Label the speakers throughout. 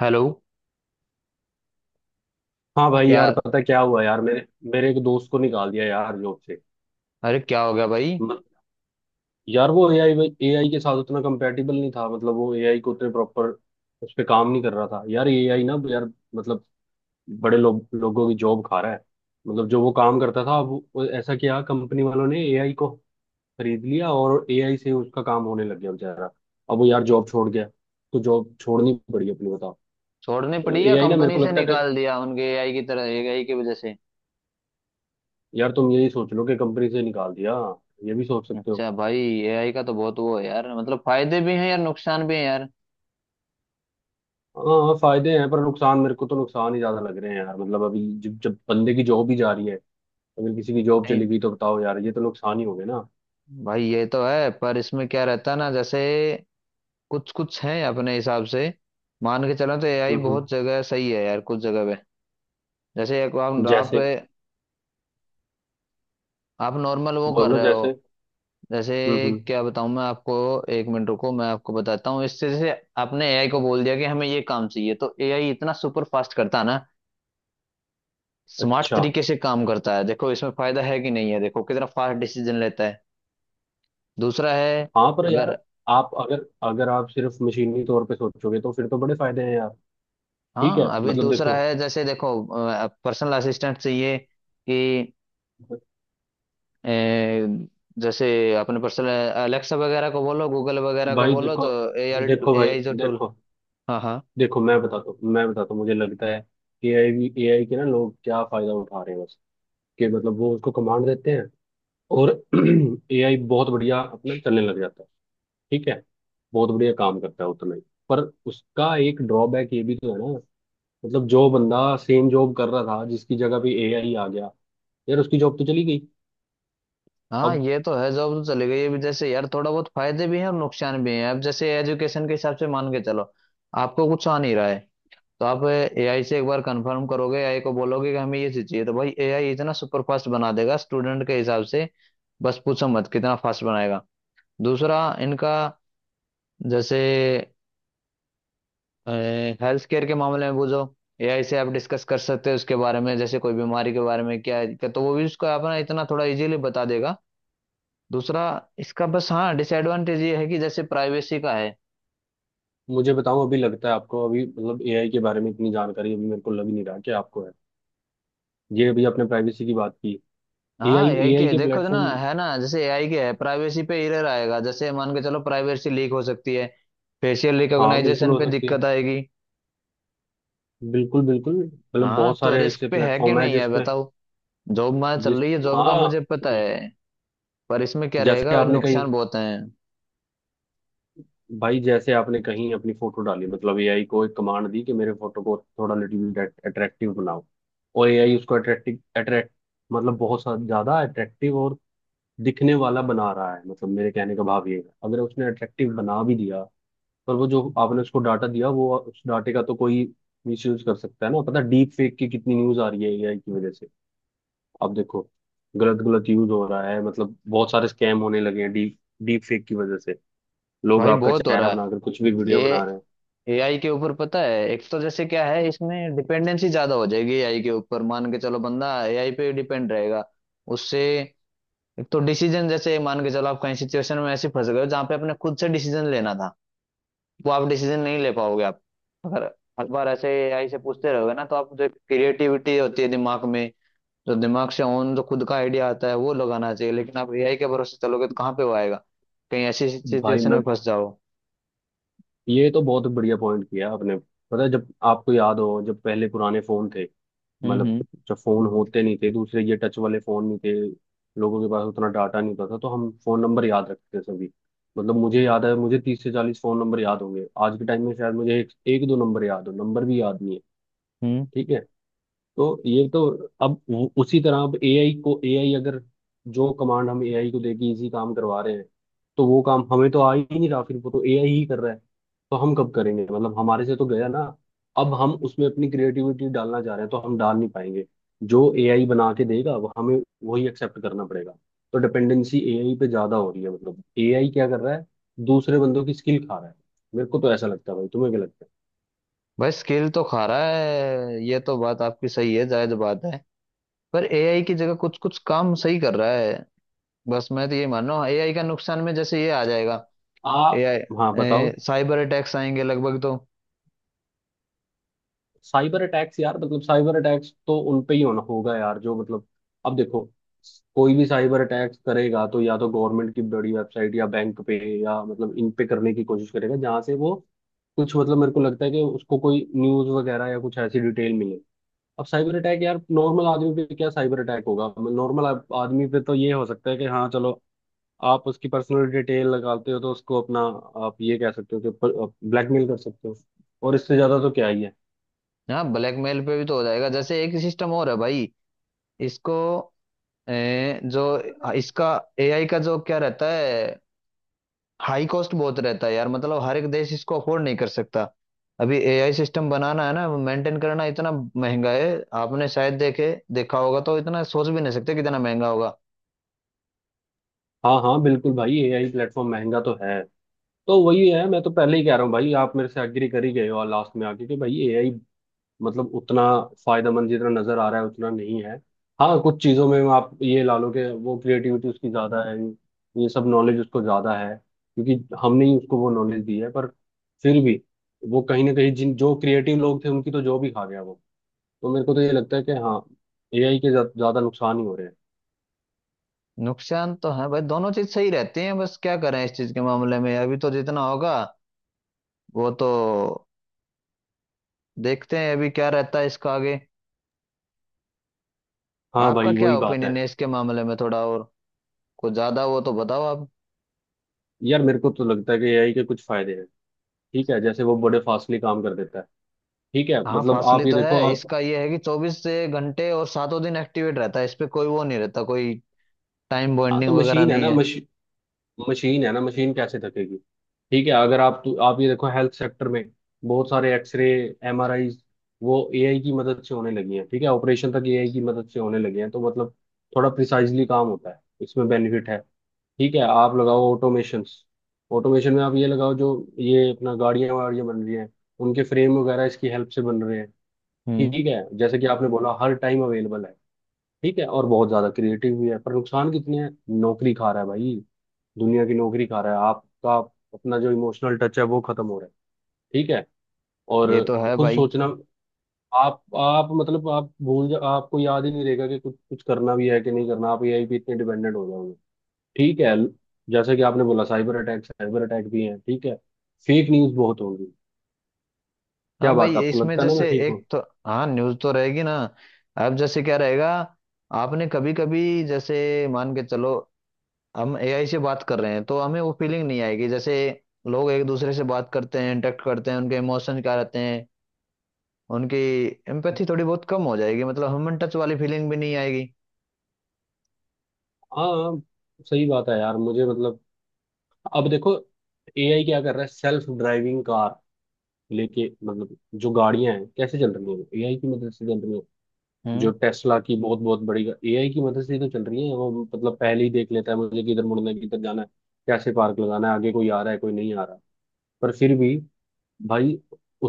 Speaker 1: Hello.
Speaker 2: हाँ भाई
Speaker 1: क्या?
Speaker 2: यार, पता क्या हुआ यार? मेरे मेरे एक दोस्त को निकाल दिया यार जॉब से।
Speaker 1: अरे क्या हो गया भाई?
Speaker 2: म- यार वो एआई एआई के साथ उतना कंपेटेबल नहीं था। मतलब वो एआई को उतने प्रॉपर उस पे काम नहीं कर रहा था यार। एआई ना यार, मतलब बड़े लोगों की जॉब खा रहा है। मतलब जो वो काम करता था, अब वो ऐसा किया कंपनी वालों ने, एआई को खरीद लिया और एआई से उसका काम होने लग गया। बेचारा अब वो यार जॉब छोड़ गया, तो जॉब छोड़नी पड़ी। अपनी बताओ।
Speaker 1: छोड़नी पड़ी
Speaker 2: मतलब
Speaker 1: या
Speaker 2: एआई ना, मेरे
Speaker 1: कंपनी
Speaker 2: को
Speaker 1: से
Speaker 2: लगता है कि
Speaker 1: निकाल दिया उनके एआई की तरह एआई की वजह से?
Speaker 2: यार तुम यही सोच लो कि कंपनी से निकाल दिया, ये भी सोच सकते हो।
Speaker 1: अच्छा भाई। एआई का तो बहुत वो है यार, मतलब फायदे भी हैं यार, नुकसान भी हैं यार।
Speaker 2: हाँ हाँ, फायदे हैं पर नुकसान, मेरे को तो नुकसान ही ज्यादा लग रहे हैं यार। मतलब अभी जब जब बंदे की जॉब ही जा रही है, अगर किसी की जॉब
Speaker 1: नहीं।
Speaker 2: चली गई तो बताओ यार, ये तो नुकसान ही हो गए ना।
Speaker 1: भाई ये तो है, पर इसमें क्या रहता है ना, जैसे कुछ कुछ हैं अपने हिसाब से। मान के चलो तो एआई
Speaker 2: हम्म,
Speaker 1: बहुत
Speaker 2: हम्म।
Speaker 1: जगह सही है यार, कुछ जगह पे। जैसे एक आप आप
Speaker 2: जैसे।
Speaker 1: आप नॉर्मल वो कर
Speaker 2: बोलो
Speaker 1: रहे हो।
Speaker 2: जैसे।
Speaker 1: जैसे
Speaker 2: हम्म, हम्म।
Speaker 1: क्या बताऊं मैं आपको। एक मिनट रुको मैं आपको बताता हूँ, इससे जैसे आपने एआई को बोल दिया कि हमें ये काम चाहिए तो एआई इतना सुपर फास्ट करता है ना, स्मार्ट
Speaker 2: अच्छा।
Speaker 1: तरीके से काम करता है। देखो इसमें फायदा है कि नहीं है, देखो कितना फास्ट डिसीजन लेता है। दूसरा है,
Speaker 2: हाँ पर यार,
Speaker 1: अगर
Speaker 2: आप अगर अगर आप सिर्फ मशीनी तौर पे सोचोगे तो फिर तो बड़े फायदे हैं यार। ठीक है,
Speaker 1: हाँ अभी
Speaker 2: मतलब
Speaker 1: दूसरा
Speaker 2: देखो।
Speaker 1: है जैसे देखो, पर्सनल असिस्टेंट चाहिए कि अ, जैसे अपने पर्सनल अलेक्सा वगैरह को बोलो, गूगल वगैरह को
Speaker 2: भाई
Speaker 1: बोलो तो
Speaker 2: देखो।
Speaker 1: एआई
Speaker 2: देखो भाई
Speaker 1: एआई जो टूल।
Speaker 2: देखो।
Speaker 1: हाँ, हाँ,
Speaker 2: देखो, मैं बताता हूँ, मुझे लगता है ए आई के ना, लोग क्या फायदा उठा रहे हैं, बस कि मतलब वो उसको कमांड देते हैं और एआई बहुत बढ़िया अपना चलने लग जाता है। ठीक है, बहुत बढ़िया काम करता है उतना ही, पर उसका एक ड्रॉबैक ये भी तो है ना। मतलब जो बंदा सेम जॉब कर रहा था, जिसकी जगह भी एआई आ गया, यार उसकी जॉब तो चली गई।
Speaker 1: हाँ,
Speaker 2: अब
Speaker 1: ये तो है, जॉब तो चली गई। अभी जैसे यार थोड़ा बहुत फायदे भी हैं और नुकसान भी हैं। अब जैसे एजुकेशन के हिसाब से मान के चलो, आपको कुछ आ नहीं रहा है तो आप एआई से एक बार कंफर्म करोगे, एआई को बोलोगे कि हमें ये चीज चाहिए तो भाई एआई इतना सुपर फास्ट बना देगा स्टूडेंट के हिसाब से। बस पूछो मत कितना फास्ट बनाएगा। दूसरा इनका, जैसे हेल्थ केयर के मामले में बुझो, एआई से आप डिस्कस कर सकते हो उसके बारे में, जैसे कोई बीमारी के बारे में क्या है दिक्कत, तो वो भी उसको अपना इतना थोड़ा इजीली बता देगा। दूसरा इसका बस, हाँ, डिसएडवांटेज ये है कि जैसे प्राइवेसी का है।
Speaker 2: मुझे बताओ, अभी लगता है आपको, अभी मतलब एआई के बारे में इतनी जानकारी अभी मेरे को लग नहीं रहा कि आपको है। ये अभी आपने प्राइवेसी की बात की।
Speaker 1: हाँ
Speaker 2: एआई
Speaker 1: एआई
Speaker 2: एआई
Speaker 1: के
Speaker 2: के
Speaker 1: देखो तो ना,
Speaker 2: प्लेटफॉर्म।
Speaker 1: है ना, जैसे एआई के है प्राइवेसी पे एरर आएगा, जैसे मान के चलो प्राइवेसी लीक हो सकती है। फेशियल
Speaker 2: हाँ, बिल्कुल
Speaker 1: रिकॉग्नाइजेशन
Speaker 2: हो
Speaker 1: पे
Speaker 2: सकती है।
Speaker 1: दिक्कत आएगी।
Speaker 2: बिल्कुल बिल्कुल, मतलब
Speaker 1: हाँ
Speaker 2: बहुत
Speaker 1: तो
Speaker 2: सारे
Speaker 1: रिस्क
Speaker 2: ऐसे
Speaker 1: पे है कि
Speaker 2: प्लेटफॉर्म है
Speaker 1: नहीं है
Speaker 2: जिसपे।
Speaker 1: बताओ। जॉब मार चल
Speaker 2: जिस
Speaker 1: रही है, जॉब का
Speaker 2: हाँ।
Speaker 1: मुझे पता है। पर इसमें क्या
Speaker 2: जैसे
Speaker 1: रहेगा भाई,
Speaker 2: आपने कही।
Speaker 1: नुकसान बहुत है।
Speaker 2: भाई, जैसे आपने कहीं अपनी फोटो डाली, मतलब एआई को एक कमांड दी कि मेरे फोटो को थोड़ा लिटिल बिट अट्रैक्टिव बनाओ, और एआई उसको अट्रैक्टिव अट्रैक्ट, मतलब ज्यादा अट्रैक्टिव और दिखने वाला बना रहा है। मतलब मेरे कहने का भाव ये है, अगर उसने अट्रैक्टिव बना भी दिया, पर वो जो आपने उसको डाटा दिया, वो उस डाटे का तो कोई मिसयूज कर सकता है ना। पता डीप फेक की कितनी न्यूज आ रही है एआई की वजह से। अब देखो, गलत गलत यूज हो रहा है, मतलब बहुत सारे स्कैम होने लगे हैं डीप डीप फेक की वजह से। लोग
Speaker 1: भाई
Speaker 2: आपका
Speaker 1: बहुत हो
Speaker 2: चेहरा
Speaker 1: रहा है।
Speaker 2: बनाकर कुछ भी वीडियो
Speaker 1: ए
Speaker 2: बना रहे हैं।
Speaker 1: एआई के ऊपर पता है, एक तो जैसे क्या है, इसमें डिपेंडेंसी ज्यादा हो जाएगी एआई के ऊपर, मान के चलो बंदा एआई पे डिपेंड रहेगा उससे। एक तो डिसीजन, जैसे मान के चलो आप कहीं सिचुएशन में ऐसे फंस गए हो जहां पे अपने खुद से डिसीजन लेना था, वो आप डिसीजन नहीं ले पाओगे। आप अगर हर बार ऐसे एआई से पूछते रहोगे ना, तो आप जो क्रिएटिविटी होती है दिमाग में, जो दिमाग से ओन जो खुद का आइडिया आता है वो लगाना चाहिए, लेकिन आप एआई के भरोसे चलोगे तो कहाँ पे वो आएगा, कहीं ऐसी
Speaker 2: भाई
Speaker 1: सिचुएशन
Speaker 2: मैं
Speaker 1: में फंस जाओ।
Speaker 2: ये तो बहुत बढ़िया पॉइंट किया आपने। पता है, जब आपको याद हो, जब पहले पुराने फोन थे,
Speaker 1: हम्म,
Speaker 2: मतलब
Speaker 1: हम्म,
Speaker 2: जब फोन होते नहीं थे दूसरे, ये टच वाले फोन नहीं थे, लोगों के पास उतना डाटा नहीं होता था, तो हम फोन नंबर याद रखते थे सभी। मतलब मुझे याद है, मुझे 30 से 40 फोन नंबर याद होंगे। आज के टाइम में शायद मुझे एक, एक दो नंबर याद हो, नंबर भी याद नहीं है।
Speaker 1: हम्म।
Speaker 2: ठीक है, तो ये तो, अब उसी तरह, अब एआई को, एआई अगर, जो कमांड हम एआई को देके इसी काम करवा रहे हैं, तो वो काम हमें तो आ ही नहीं रहा, फिर वो तो एआई ही कर रहा है, तो हम कब करेंगे? मतलब हमारे से तो गया ना। अब हम उसमें अपनी क्रिएटिविटी डालना चाह रहे हैं तो हम डाल नहीं पाएंगे, जो एआई बना के देगा वो हमें वही एक्सेप्ट करना पड़ेगा। तो डिपेंडेंसी एआई पे ज्यादा हो रही है। मतलब एआई क्या कर रहा है, दूसरे बंदों की स्किल खा रहा है। मेरे को तो ऐसा लगता है भाई, तुम्हें क्या लगता है?
Speaker 1: भाई स्किल तो खा रहा है, ये तो बात आपकी सही है, जायज बात है। पर एआई की जगह कुछ कुछ काम सही कर रहा है। बस मैं तो ये मान रहा हूँ एआई का नुकसान में जैसे ये आ जाएगा,
Speaker 2: आप हाँ बताओ।
Speaker 1: एआई साइबर अटैक्स आएंगे लगभग तो।
Speaker 2: साइबर अटैक्स यार, मतलब साइबर अटैक्स तो उन पे ही होना होगा यार, जो मतलब, अब देखो, कोई भी साइबर अटैक्स करेगा तो या तो गवर्नमेंट की बड़ी वेबसाइट या बैंक पे, या मतलब इन पे करने की कोशिश करेगा जहां से वो कुछ, मतलब मेरे को लगता है कि उसको कोई न्यूज वगैरह या कुछ ऐसी डिटेल मिले। अब साइबर अटैक यार, नॉर्मल आदमी पे क्या साइबर अटैक होगा? नॉर्मल आदमी पे तो ये हो सकता है कि हाँ चलो, आप उसकी पर्सनल डिटेल लगाते हो तो उसको अपना, आप ये कह सकते हो कि ब्लैकमेल कर सकते हो, और इससे ज्यादा तो क्या ही है।
Speaker 1: हाँ ब्लैकमेल पे भी तो हो जाएगा, जैसे एक सिस्टम और है भाई, इसको जो इसका, एआई का जो क्या रहता है, हाई कॉस्ट बहुत रहता है यार, मतलब हर एक देश इसको अफोर्ड नहीं कर सकता। अभी एआई सिस्टम बनाना है ना, मेंटेन करना इतना महंगा है। आपने शायद देखे देखा होगा तो इतना सोच भी नहीं सकते कितना महंगा होगा।
Speaker 2: हाँ हाँ, बिल्कुल भाई, एआई प्लेटफॉर्म महंगा तो है। तो वही है, मैं तो पहले ही कह रहा हूँ भाई, आप मेरे से एग्री कर ही गए हो लास्ट में आके कि भाई एआई मतलब उतना फायदेमंद, जितना नजर आ रहा है उतना नहीं है। हाँ, कुछ चीजों में आप ये ला लो कि वो क्रिएटिविटी उसकी ज्यादा है, ये सब नॉलेज उसको ज्यादा है, क्योंकि हमने ही उसको वो नॉलेज दी है, पर फिर भी वो कहीं ना कहीं जिन जो क्रिएटिव लोग थे उनकी तो जॉब ही खा गया वो। तो मेरे को तो ये लगता है कि हाँ, एआई के ज्यादा नुकसान ही हो रहे हैं।
Speaker 1: नुकसान तो है भाई, दोनों चीज सही रहती हैं, बस क्या करें इस चीज के मामले में, अभी तो जितना होगा वो तो, देखते हैं अभी क्या रहता है इसका आगे।
Speaker 2: हाँ
Speaker 1: आपका
Speaker 2: भाई
Speaker 1: क्या
Speaker 2: वही बात है।
Speaker 1: ओपिनियन है इसके मामले में, थोड़ा और कुछ ज्यादा वो तो बताओ आप।
Speaker 2: यार मेरे को तो लगता है कि एआई के कुछ फायदे हैं, ठीक है, जैसे वो बड़े फास्टली काम कर देता है, ठीक है,
Speaker 1: हाँ
Speaker 2: मतलब
Speaker 1: फासले
Speaker 2: आप ये
Speaker 1: तो
Speaker 2: देखो
Speaker 1: है,
Speaker 2: आप।
Speaker 1: इसका ये है कि 24 से घंटे और सातों दिन एक्टिवेट रहता है, इस पे कोई वो नहीं रहता, कोई टाइम
Speaker 2: हाँ तो
Speaker 1: बॉन्डिंग वगैरह
Speaker 2: मशीन है
Speaker 1: नहीं
Speaker 2: ना
Speaker 1: है।
Speaker 2: मशीन, मशीन है ना मशीन, कैसे थकेगी? ठीक है, अगर आप, तो आप ये देखो, हेल्थ सेक्टर में बहुत सारे एक्सरे, एमआरआई, वो एआई की मदद से होने लगी हैं, ठीक है, ऑपरेशन तक एआई की मदद से होने लगे हैं, तो मतलब थोड़ा प्रिसाइजली काम होता है, इसमें बेनिफिट है। ठीक है, आप लगाओ ऑटोमेशन, ऑटोमेशन में आप ये लगाओ जो, ये अपना गाड़ियां वाड़ियां बन रही हैं, उनके फ्रेम वगैरह इसकी हेल्प से बन रहे हैं।
Speaker 1: हम्म।
Speaker 2: ठीक है, जैसे कि आपने बोला हर टाइम अवेलेबल है, ठीक है, और बहुत ज्यादा क्रिएटिव भी है, पर नुकसान कितने हैं? नौकरी खा रहा है भाई, दुनिया की नौकरी खा रहा है। आपका अपना जो इमोशनल टच है वो खत्म हो रहा है, ठीक है, और
Speaker 1: ये तो है
Speaker 2: खुद
Speaker 1: भाई।
Speaker 2: सोचना। आप मतलब आप भूल जा, आपको याद ही नहीं रहेगा कि कुछ कुछ करना भी है कि नहीं करना, आप एआई पे इतने डिपेंडेंट हो जाओगे। ठीक है, जैसे कि आपने बोला साइबर अटैक, साइबर अटैक भी है, ठीक है, फेक न्यूज बहुत होगी।
Speaker 1: हाँ
Speaker 2: क्या बात
Speaker 1: भाई,
Speaker 2: है, आपको
Speaker 1: इसमें
Speaker 2: लगता है ना मैं
Speaker 1: जैसे
Speaker 2: ठीक
Speaker 1: एक
Speaker 2: हूँ?
Speaker 1: तो, हाँ न्यूज़ तो रहेगी ना। अब जैसे क्या रहेगा, आपने कभी कभी जैसे मान के चलो हम एआई से बात कर रहे हैं तो हमें वो फीलिंग नहीं आएगी, जैसे लोग एक दूसरे से बात करते हैं, इंटरेक्ट करते हैं, उनके इमोशन क्या रहते हैं, उनकी एम्पैथी थोड़ी बहुत कम हो जाएगी, मतलब ह्यूमन टच वाली फीलिंग भी नहीं आएगी।
Speaker 2: हाँ, सही बात है यार, मुझे मतलब, अब देखो, एआई क्या कर रहा है, सेल्फ ड्राइविंग कार लेके, मतलब जो गाड़ियां हैं कैसे चल रही हैं, एआई की मदद से चल रही हैं। जो
Speaker 1: हम्म।
Speaker 2: टेस्ला की बहुत बहुत बड़ी, एआई की मदद से ही तो चल रही है वो, मतलब पहले ही देख लेता है मुझे किधर मुड़ना है, किधर जाना है, कैसे पार्क लगाना है, आगे कोई आ रहा है कोई नहीं आ रहा। पर फिर भी भाई,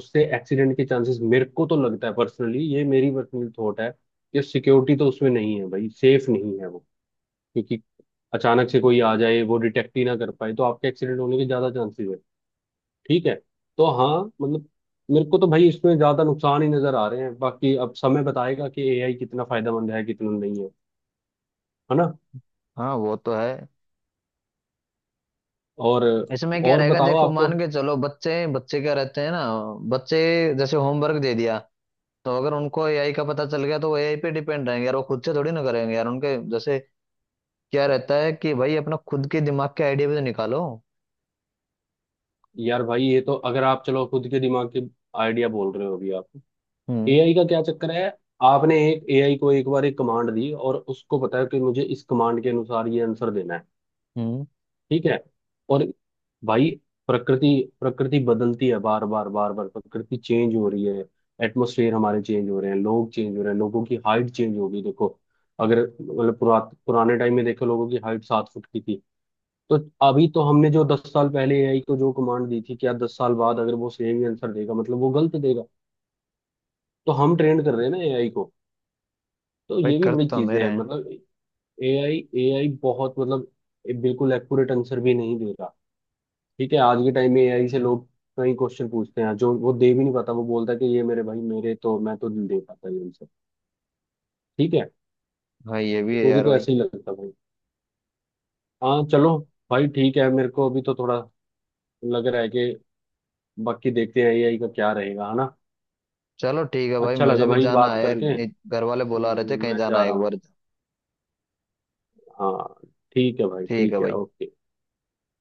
Speaker 2: उससे एक्सीडेंट के चांसेस, मेरे को तो लगता है पर्सनली, ये मेरी पर्सनल थॉट है, कि सिक्योरिटी तो उसमें नहीं है भाई, सेफ नहीं है वो, क्योंकि अचानक से कोई आ जाए, वो डिटेक्ट ही ना कर पाए, तो आपके एक्सीडेंट होने के ज्यादा चांसेस है, ठीक है? तो हाँ, मतलब मेरे को तो भाई इसमें ज्यादा नुकसान ही नजर आ रहे हैं, बाकी अब समय बताएगा कि एआई कितना फायदेमंद है कितना नहीं है, है ना?
Speaker 1: हाँ वो तो है।
Speaker 2: और
Speaker 1: इसमें क्या
Speaker 2: और
Speaker 1: रहेगा
Speaker 2: बताओ
Speaker 1: देखो,
Speaker 2: आपको।
Speaker 1: मान के चलो बच्चे, बच्चे क्या रहते हैं ना बच्चे, जैसे होमवर्क दे दिया तो अगर उनको एआई का पता चल गया तो वो एआई पे डिपेंड रहेंगे यार, वो खुद से थोड़ी ना करेंगे यार, उनके जैसे क्या रहता है कि भाई अपना खुद के दिमाग के आइडिया भी तो निकालो।
Speaker 2: यार भाई, ये तो, अगर आप चलो खुद के दिमाग के आइडिया बोल रहे हो अभी आप,
Speaker 1: हम्म,
Speaker 2: एआई का क्या चक्कर है? आपने एक एआई को एक बार एक कमांड दी, और उसको पता है कि मुझे इस कमांड के अनुसार ये आंसर देना है,
Speaker 1: हम्म।
Speaker 2: ठीक है? और भाई, प्रकृति, प्रकृति बदलती है, बार बार बार बार प्रकृति चेंज हो रही है, एटमोसफेयर हमारे चेंज हो रहे हैं, लोग चेंज हो रहे हैं, लोगों की हाइट चेंज हो गई। देखो, अगर मतलब पुराने टाइम में देखो, लोगों की हाइट 7 फुट की थी तो, अभी तो हमने जो 10 साल पहले एआई को जो कमांड दी थी, क्या 10 साल बाद अगर वो सेम ही आंसर देगा, मतलब वो गलत देगा। तो हम ट्रेंड कर रहे हैं ना एआई को, तो
Speaker 1: भाई
Speaker 2: ये भी
Speaker 1: कर
Speaker 2: बड़ी
Speaker 1: तो
Speaker 2: चीजें हैं
Speaker 1: मेरे,
Speaker 2: मतलब। एआई एआई बहुत मतलब बिल्कुल एक्यूरेट आंसर भी नहीं देगा। ठीक है, आज के टाइम में एआई से लोग कई क्वेश्चन पूछते हैं जो वो दे भी नहीं पाता, वो बोलता है कि ये मेरे भाई, मेरे तो, मैं तो नहीं दे पाता ये आंसर, ठीक है?
Speaker 1: हाँ ये भी है
Speaker 2: मुझे
Speaker 1: यार
Speaker 2: तो
Speaker 1: भाई।
Speaker 2: ऐसे ही लगता है भाई। हाँ चलो भाई ठीक है, मेरे को अभी तो थोड़ा लग रहा है कि, बाकी देखते हैं एआई का क्या रहेगा, है ना?
Speaker 1: चलो ठीक है भाई,
Speaker 2: अच्छा
Speaker 1: मुझे
Speaker 2: लगा
Speaker 1: भी
Speaker 2: भाई
Speaker 1: जाना
Speaker 2: बात
Speaker 1: है यार,
Speaker 2: करके।
Speaker 1: ये घर वाले बुला रहे थे, कहीं
Speaker 2: मैं
Speaker 1: जाना
Speaker 2: जा
Speaker 1: है
Speaker 2: रहा
Speaker 1: एक
Speaker 2: हूँ।
Speaker 1: बार।
Speaker 2: हाँ, ठीक है भाई,
Speaker 1: ठीक है
Speaker 2: ठीक है,
Speaker 1: भाई।
Speaker 2: ओके।